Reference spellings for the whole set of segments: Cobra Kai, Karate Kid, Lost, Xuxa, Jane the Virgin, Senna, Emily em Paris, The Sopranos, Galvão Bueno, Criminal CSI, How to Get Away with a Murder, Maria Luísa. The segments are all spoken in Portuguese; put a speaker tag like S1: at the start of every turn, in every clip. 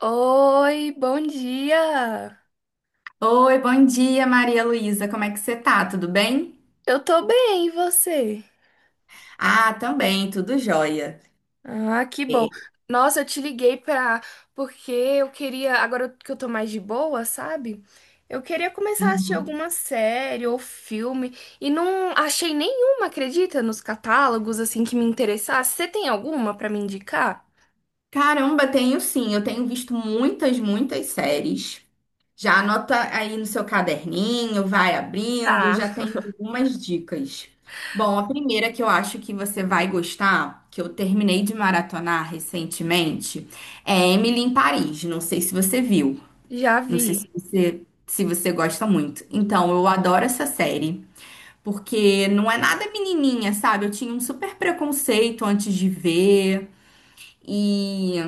S1: Oi, bom dia.
S2: Oi, bom dia, Maria Luísa. Como é que você tá? Tudo bem?
S1: Eu tô bem, e você?
S2: Ah, também, tudo jóia.
S1: Ah, que bom.
S2: É,
S1: Nossa, eu te liguei pra porque eu queria, agora que eu tô mais de boa, sabe? Eu queria começar a assistir
S2: uhum.
S1: alguma série ou filme e não achei nenhuma, acredita, nos catálogos assim que me interessasse. Você tem alguma pra me indicar?
S2: Caramba, tenho sim. Eu tenho visto muitas, muitas séries. Já anota aí no seu caderninho, vai abrindo,
S1: Tá,
S2: já tem algumas dicas. Bom, a primeira que eu acho que você vai gostar, que eu terminei de maratonar recentemente, é Emily em Paris. Não sei se você viu,
S1: já
S2: não sei se
S1: vi.
S2: você, se você gosta muito. Então, eu adoro essa série. Porque não é nada menininha, sabe? Eu tinha um super preconceito antes de ver. E,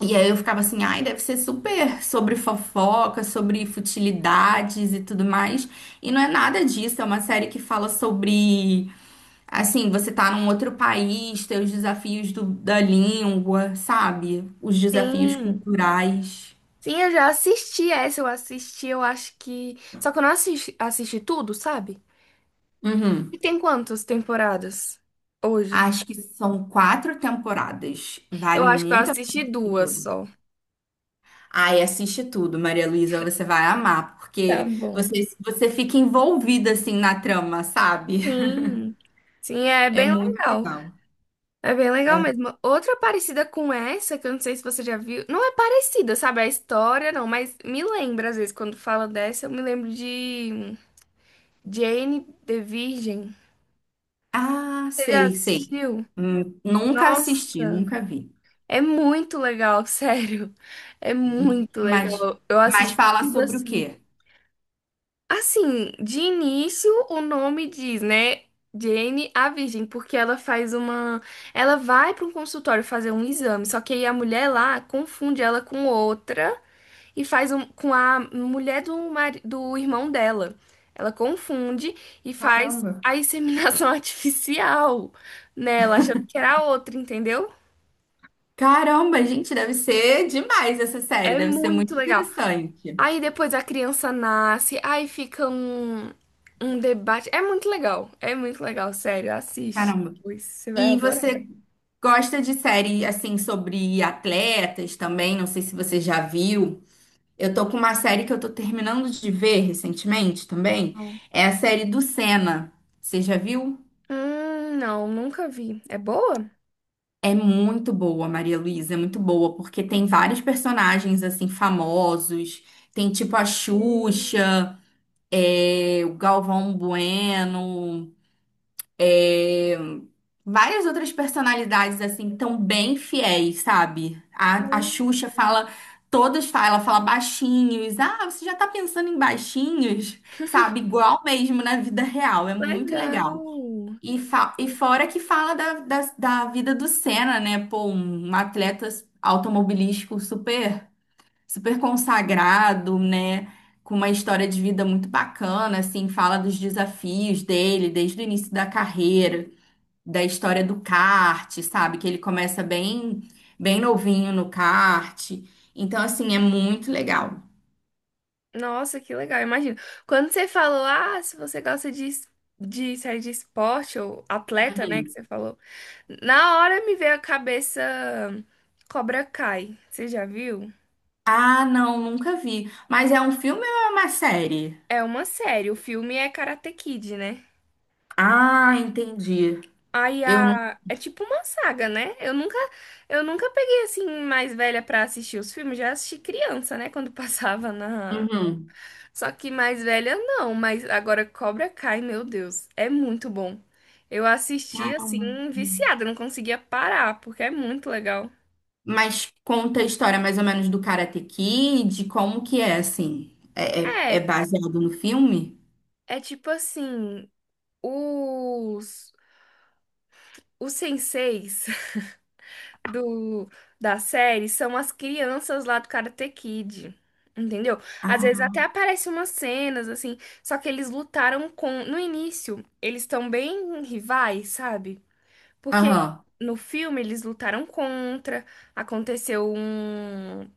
S2: e aí eu ficava assim, ai, deve ser super sobre fofoca, sobre futilidades e tudo mais. E não é nada disso, é uma série que fala sobre, assim, você tá num outro país, tem os desafios da língua, sabe? Os desafios
S1: Sim.
S2: culturais.
S1: Sim, eu já assisti essa, eu acho que. Só que eu não assisti, assisti tudo, sabe? E
S2: Uhum.
S1: tem quantas temporadas hoje?
S2: Acho que são quatro temporadas.
S1: Eu
S2: Vale
S1: acho que eu
S2: muito a pena
S1: assisti
S2: assistir
S1: duas
S2: todas.
S1: só.
S2: Ai, assiste tudo, Maria Luísa, você vai amar,
S1: Tá
S2: porque
S1: bom.
S2: você fica envolvida assim na trama, sabe?
S1: Sim. Sim, é
S2: É
S1: bem
S2: muito
S1: legal.
S2: legal.
S1: É bem legal
S2: É.
S1: mesmo. Outra parecida com essa, que eu não sei se você já viu. Não é parecida, sabe? A história, não, mas me lembra, às vezes, quando fala dessa, eu me lembro de Jane the Virgin.
S2: Ah,
S1: Você já
S2: sei, sei.
S1: assistiu?
S2: Nunca assisti,
S1: Nossa,
S2: nunca vi.
S1: é muito legal, sério. É muito
S2: Mas,
S1: legal. Eu
S2: mas
S1: assisti
S2: fala
S1: tudo
S2: sobre o
S1: assim.
S2: quê?
S1: Assim, de início o nome diz, né? Jane a Virgem, porque ela faz uma. Ela vai para um consultório fazer um exame, só que aí a mulher lá confunde ela com outra e faz um... com a mulher do, mari... do irmão dela. Ela confunde e faz
S2: Caramba.
S1: a inseminação artificial nela, achando que era a outra, entendeu?
S2: Caramba, gente, deve ser demais essa série,
S1: É
S2: deve ser
S1: muito
S2: muito
S1: legal.
S2: interessante.
S1: Aí depois a criança nasce, aí fica um, um debate. É muito legal, sério, assiste.
S2: Caramba.
S1: Pois você vai
S2: E
S1: adorar.
S2: você gosta de série assim sobre atletas também? Não sei se você já viu. Eu tô com uma série que eu tô terminando de ver recentemente também.
S1: Não.
S2: É a série do Senna. Você já viu?
S1: Não, nunca vi. É boa?
S2: É muito boa, Maria Luísa, é muito boa, porque tem vários personagens assim famosos. Tem tipo a
S1: Sei.
S2: Xuxa, é, o Galvão Bueno. Várias outras personalidades assim tão bem fiéis, sabe? A Xuxa
S1: Nossa,
S2: fala, todas falam, ela fala baixinhos. Ah, você já tá pensando em baixinhos, sabe? Igual mesmo na vida real, é muito legal.
S1: legal.
S2: E
S1: Legal.
S2: fora que fala da vida do Senna, né? Pô, um atleta automobilístico super, super consagrado, né? Com uma história de vida muito bacana, assim, fala dos desafios dele desde o início da carreira da história do kart, sabe? Que ele começa bem, bem novinho no kart. Então, assim, é muito legal.
S1: Nossa, que legal. Imagina. Quando você falou, ah, se você gosta de, de série de esporte ou atleta, né, que você falou, na hora me veio a cabeça Cobra Kai. Você já viu?
S2: Ah, não, nunca vi. Mas é um filme ou é uma série?
S1: É uma série, o filme é Karate Kid, né?
S2: Ah, entendi.
S1: Aí
S2: Eu não.
S1: a... é tipo uma saga, né? Eu nunca peguei assim mais velha pra assistir os filmes, já assisti criança, né, quando passava na.
S2: Uhum.
S1: Só que mais velha não, mas agora Cobra Kai, meu Deus, é muito bom. Eu assisti
S2: Caramba.
S1: assim viciada, não conseguia parar, porque é muito legal.
S2: Mas conta a história mais ou menos do Karate Kid, como que é, assim? É
S1: É,
S2: baseado no filme?
S1: é tipo assim, os senseis do, da série são as crianças lá do Karate Kid. Entendeu? Às vezes até
S2: Ah,
S1: aparecem umas cenas assim, só que eles lutaram com. No início, eles estão bem rivais, sabe? Porque
S2: aham,
S1: no filme eles lutaram contra, aconteceu um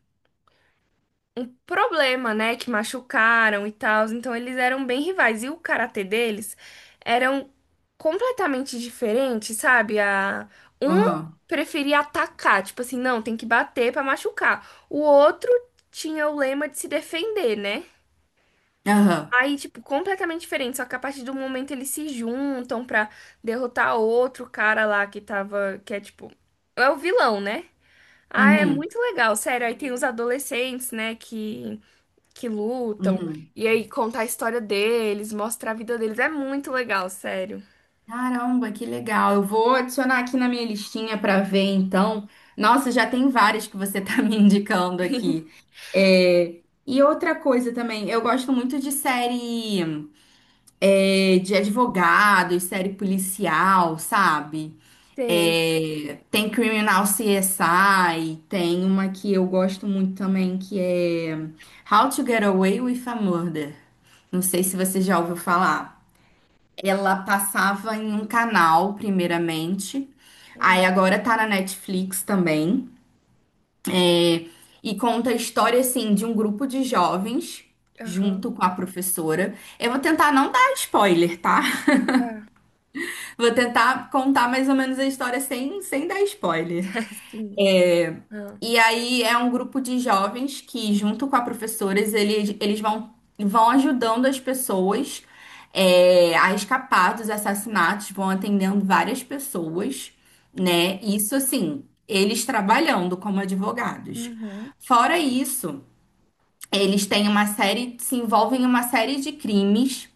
S1: problema, né? Que machucaram e tal. Então eles eram bem rivais. E o karatê deles eram completamente diferentes, sabe? A... Um
S2: aham,
S1: preferia atacar, tipo assim, não, tem que bater pra machucar. O outro tinha o lema de se defender, né?
S2: aham,
S1: Aí, tipo, completamente diferente. Só que a partir do momento eles se juntam pra derrotar outro cara lá que tava. Que é tipo. É o vilão, né? Ah, é
S2: uhum,
S1: muito legal, sério. Aí tem os adolescentes, né? Que lutam,
S2: uhum.
S1: e aí contar a história deles, mostrar a vida deles. É muito legal, sério.
S2: Caramba, que legal. Eu vou adicionar aqui na minha listinha para ver, então. Nossa, já tem várias que você tá me indicando aqui. É, e outra coisa também, eu gosto muito de série de advogados, série policial, sabe?
S1: Sei.
S2: É, tem Criminal CSI, tem uma que eu gosto muito também, que é How to Get Away with a Murder. Não sei se você já ouviu falar. Ela passava em um canal, primeiramente. Aí
S1: Hum.
S2: agora tá na Netflix também. E conta a história, assim, de um grupo de jovens,
S1: Aham.
S2: junto com a professora. Eu vou tentar não dar spoiler, tá?
S1: Tá.
S2: Vou tentar contar mais ou menos a história sem dar spoiler.
S1: Sim. Ah,
S2: E aí é um grupo de jovens que, junto com a professora, eles vão, vão ajudando as pessoas a escapar dos assassinatos, vão atendendo várias pessoas, né? Isso assim, eles trabalhando como advogados.
S1: uhum.
S2: Fora isso, eles têm uma série, se envolvem em uma série de crimes.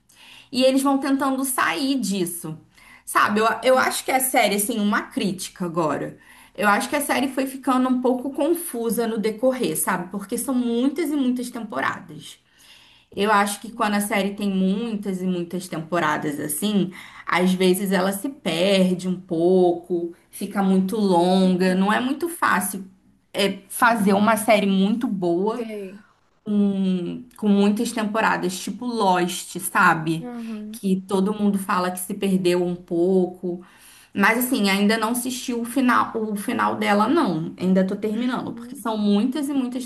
S2: E eles vão tentando sair disso. Sabe, eu
S1: Uhum.
S2: acho que a série, assim, uma crítica agora. Eu acho que a série foi ficando um pouco confusa no decorrer, sabe? Porque são muitas e muitas temporadas. Eu acho que quando a série tem muitas e muitas temporadas assim, às vezes ela se perde um pouco, fica muito longa. Não é
S1: Uhum.
S2: muito fácil fazer uma série muito boa
S1: Sei.
S2: com muitas temporadas, tipo Lost, sabe?
S1: Uhum.
S2: Que todo mundo fala que se perdeu um pouco. Mas assim, ainda não assisti o final dela, não. Ainda tô terminando, porque
S1: Uhum.
S2: são muitas e muitas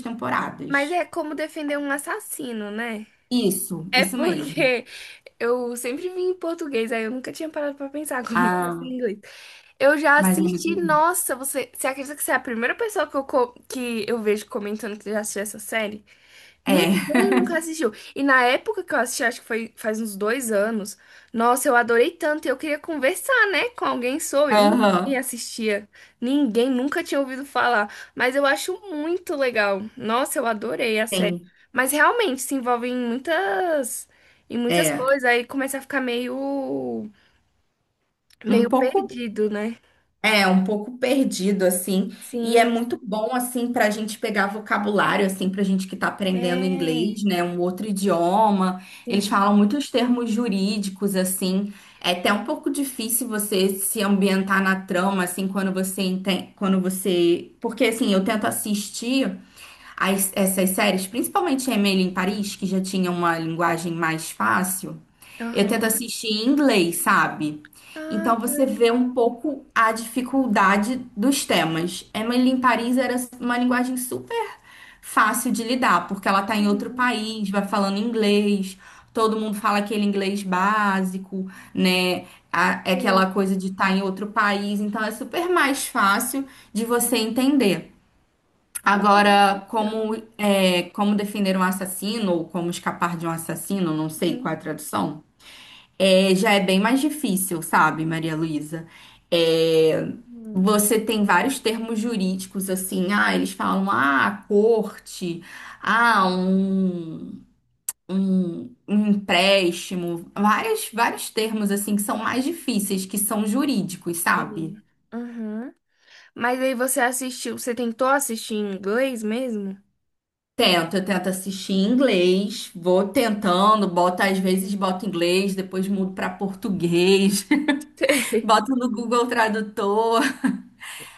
S1: Mas
S2: temporadas.
S1: é como defender um assassino, né?
S2: Isso,
S1: É
S2: isso mesmo.
S1: porque eu sempre vi em português, aí eu nunca tinha parado pra pensar como que ia ser
S2: Ah,
S1: em inglês. Eu já
S2: mas é
S1: assisti,
S2: muito.
S1: nossa, você, você acredita que você é a primeira pessoa que eu, que eu vejo comentando que já assistiu essa série?
S2: É.
S1: Ninguém nunca assistiu. E na época que eu assisti, acho que foi faz uns dois anos, nossa, eu adorei tanto. E eu queria conversar, né, com alguém sobre. Ninguém
S2: Aham.
S1: assistia. Ninguém nunca tinha ouvido falar. Mas eu acho muito legal. Nossa, eu adorei a série.
S2: Tem.
S1: Mas realmente se envolve em muitas
S2: É.
S1: coisas. Aí começa a ficar meio,
S2: Um
S1: meio
S2: pouco.
S1: perdido, né?
S2: É, um pouco perdido, assim, e é
S1: Sim,
S2: muito bom, assim, para a gente pegar vocabulário, assim, para a gente que está aprendendo
S1: é.
S2: inglês, né, um outro idioma, eles
S1: Sim.
S2: falam muitos termos jurídicos, assim, é até um pouco difícil você se ambientar na trama, assim, quando você entende, quando você. Porque, assim, eu tento assistir essas séries, principalmente Emily em Paris, que já tinha uma linguagem mais fácil, eu tento
S1: Aham.
S2: assistir em inglês, sabe?
S1: Ah,
S2: Então
S1: que
S2: você vê um
S1: legal.
S2: pouco a dificuldade dos temas. Emily em Paris era uma linguagem super fácil de lidar, porque ela tá em outro
S1: Uhum.
S2: país, vai falando inglês, todo mundo fala aquele inglês básico, né? É
S1: Que
S2: aquela coisa de estar em outro país, então é super mais fácil de você entender. Agora, como,
S1: legal.
S2: é, como defender um assassino ou como escapar de um assassino, não sei qual é a tradução. É, já é bem mais difícil, sabe, Maria Luísa? É,
S1: Uhum.
S2: você tem vários termos jurídicos, assim, ah, eles falam, ah, a corte, ah, um empréstimo, vários termos, assim, que são mais difíceis, que são jurídicos, sabe?
S1: Sim. Uhum. Mas aí você assistiu, você tentou assistir em inglês mesmo?
S2: Tento, eu tento assistir em inglês, vou tentando, boto, às vezes boto inglês, depois mudo para português, boto no Google Tradutor,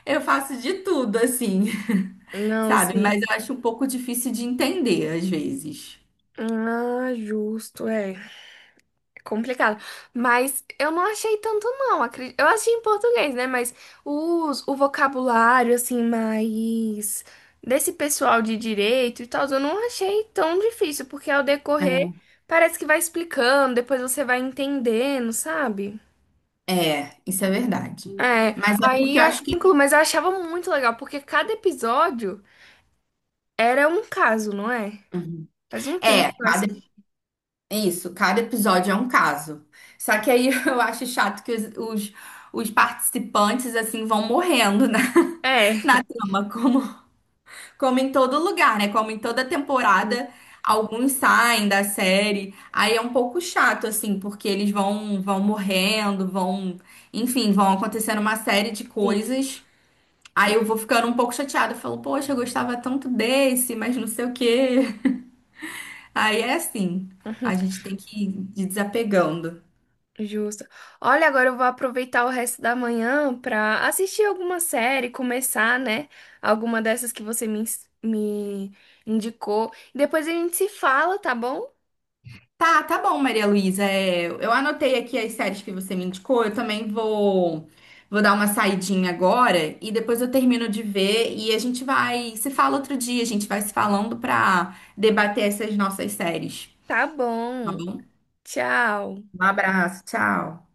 S2: eu faço de tudo, assim.
S1: Não,
S2: Sabe?
S1: sim.
S2: Mas eu acho um pouco difícil de entender às vezes.
S1: Ah, justo, é. É complicado. Mas eu não achei tanto, não. Eu achei em português, né? Mas os, o vocabulário, assim, mais desse pessoal de direito e tal, eu não achei tão difícil, porque ao decorrer parece que vai explicando, depois você vai entendendo, sabe?
S2: É, isso é verdade.
S1: É,
S2: Mas é
S1: aí
S2: porque eu
S1: eu
S2: acho
S1: achei tranquilo,
S2: que
S1: mas eu achava muito legal, porque cada episódio era um caso, não é?
S2: uhum.
S1: Faz um tempo
S2: é,
S1: que eu
S2: cada
S1: assisti.
S2: isso, cada episódio é um caso. Só que aí eu acho chato que os participantes assim vão morrendo na,
S1: É,
S2: na trama, como em todo lugar, né? Como em toda
S1: sim,
S2: temporada, alguns saem da série. Aí é um pouco chato assim, porque eles vão morrendo, vão, enfim, vão acontecendo uma série de
S1: sim.
S2: coisas. Aí
S1: Sim.
S2: eu vou ficando um pouco chateada. Eu falo, poxa, eu gostava tanto desse, mas não sei o quê. Aí é assim,
S1: Uhum,
S2: a gente tem que ir desapegando.
S1: justo. Olha, agora eu vou aproveitar o resto da manhã pra assistir alguma série, começar, né? Alguma dessas que você me, me indicou. Depois a gente se fala, tá bom?
S2: Tá, tá bom, Maria Luísa. É, eu anotei aqui as séries que você me indicou. Eu também vou dar uma saidinha agora e depois eu termino de ver e a gente vai se fala outro dia. A gente vai se falando pra debater essas nossas séries,
S1: Tá
S2: tá
S1: bom.
S2: bom?
S1: Tchau.
S2: Um abraço, tchau.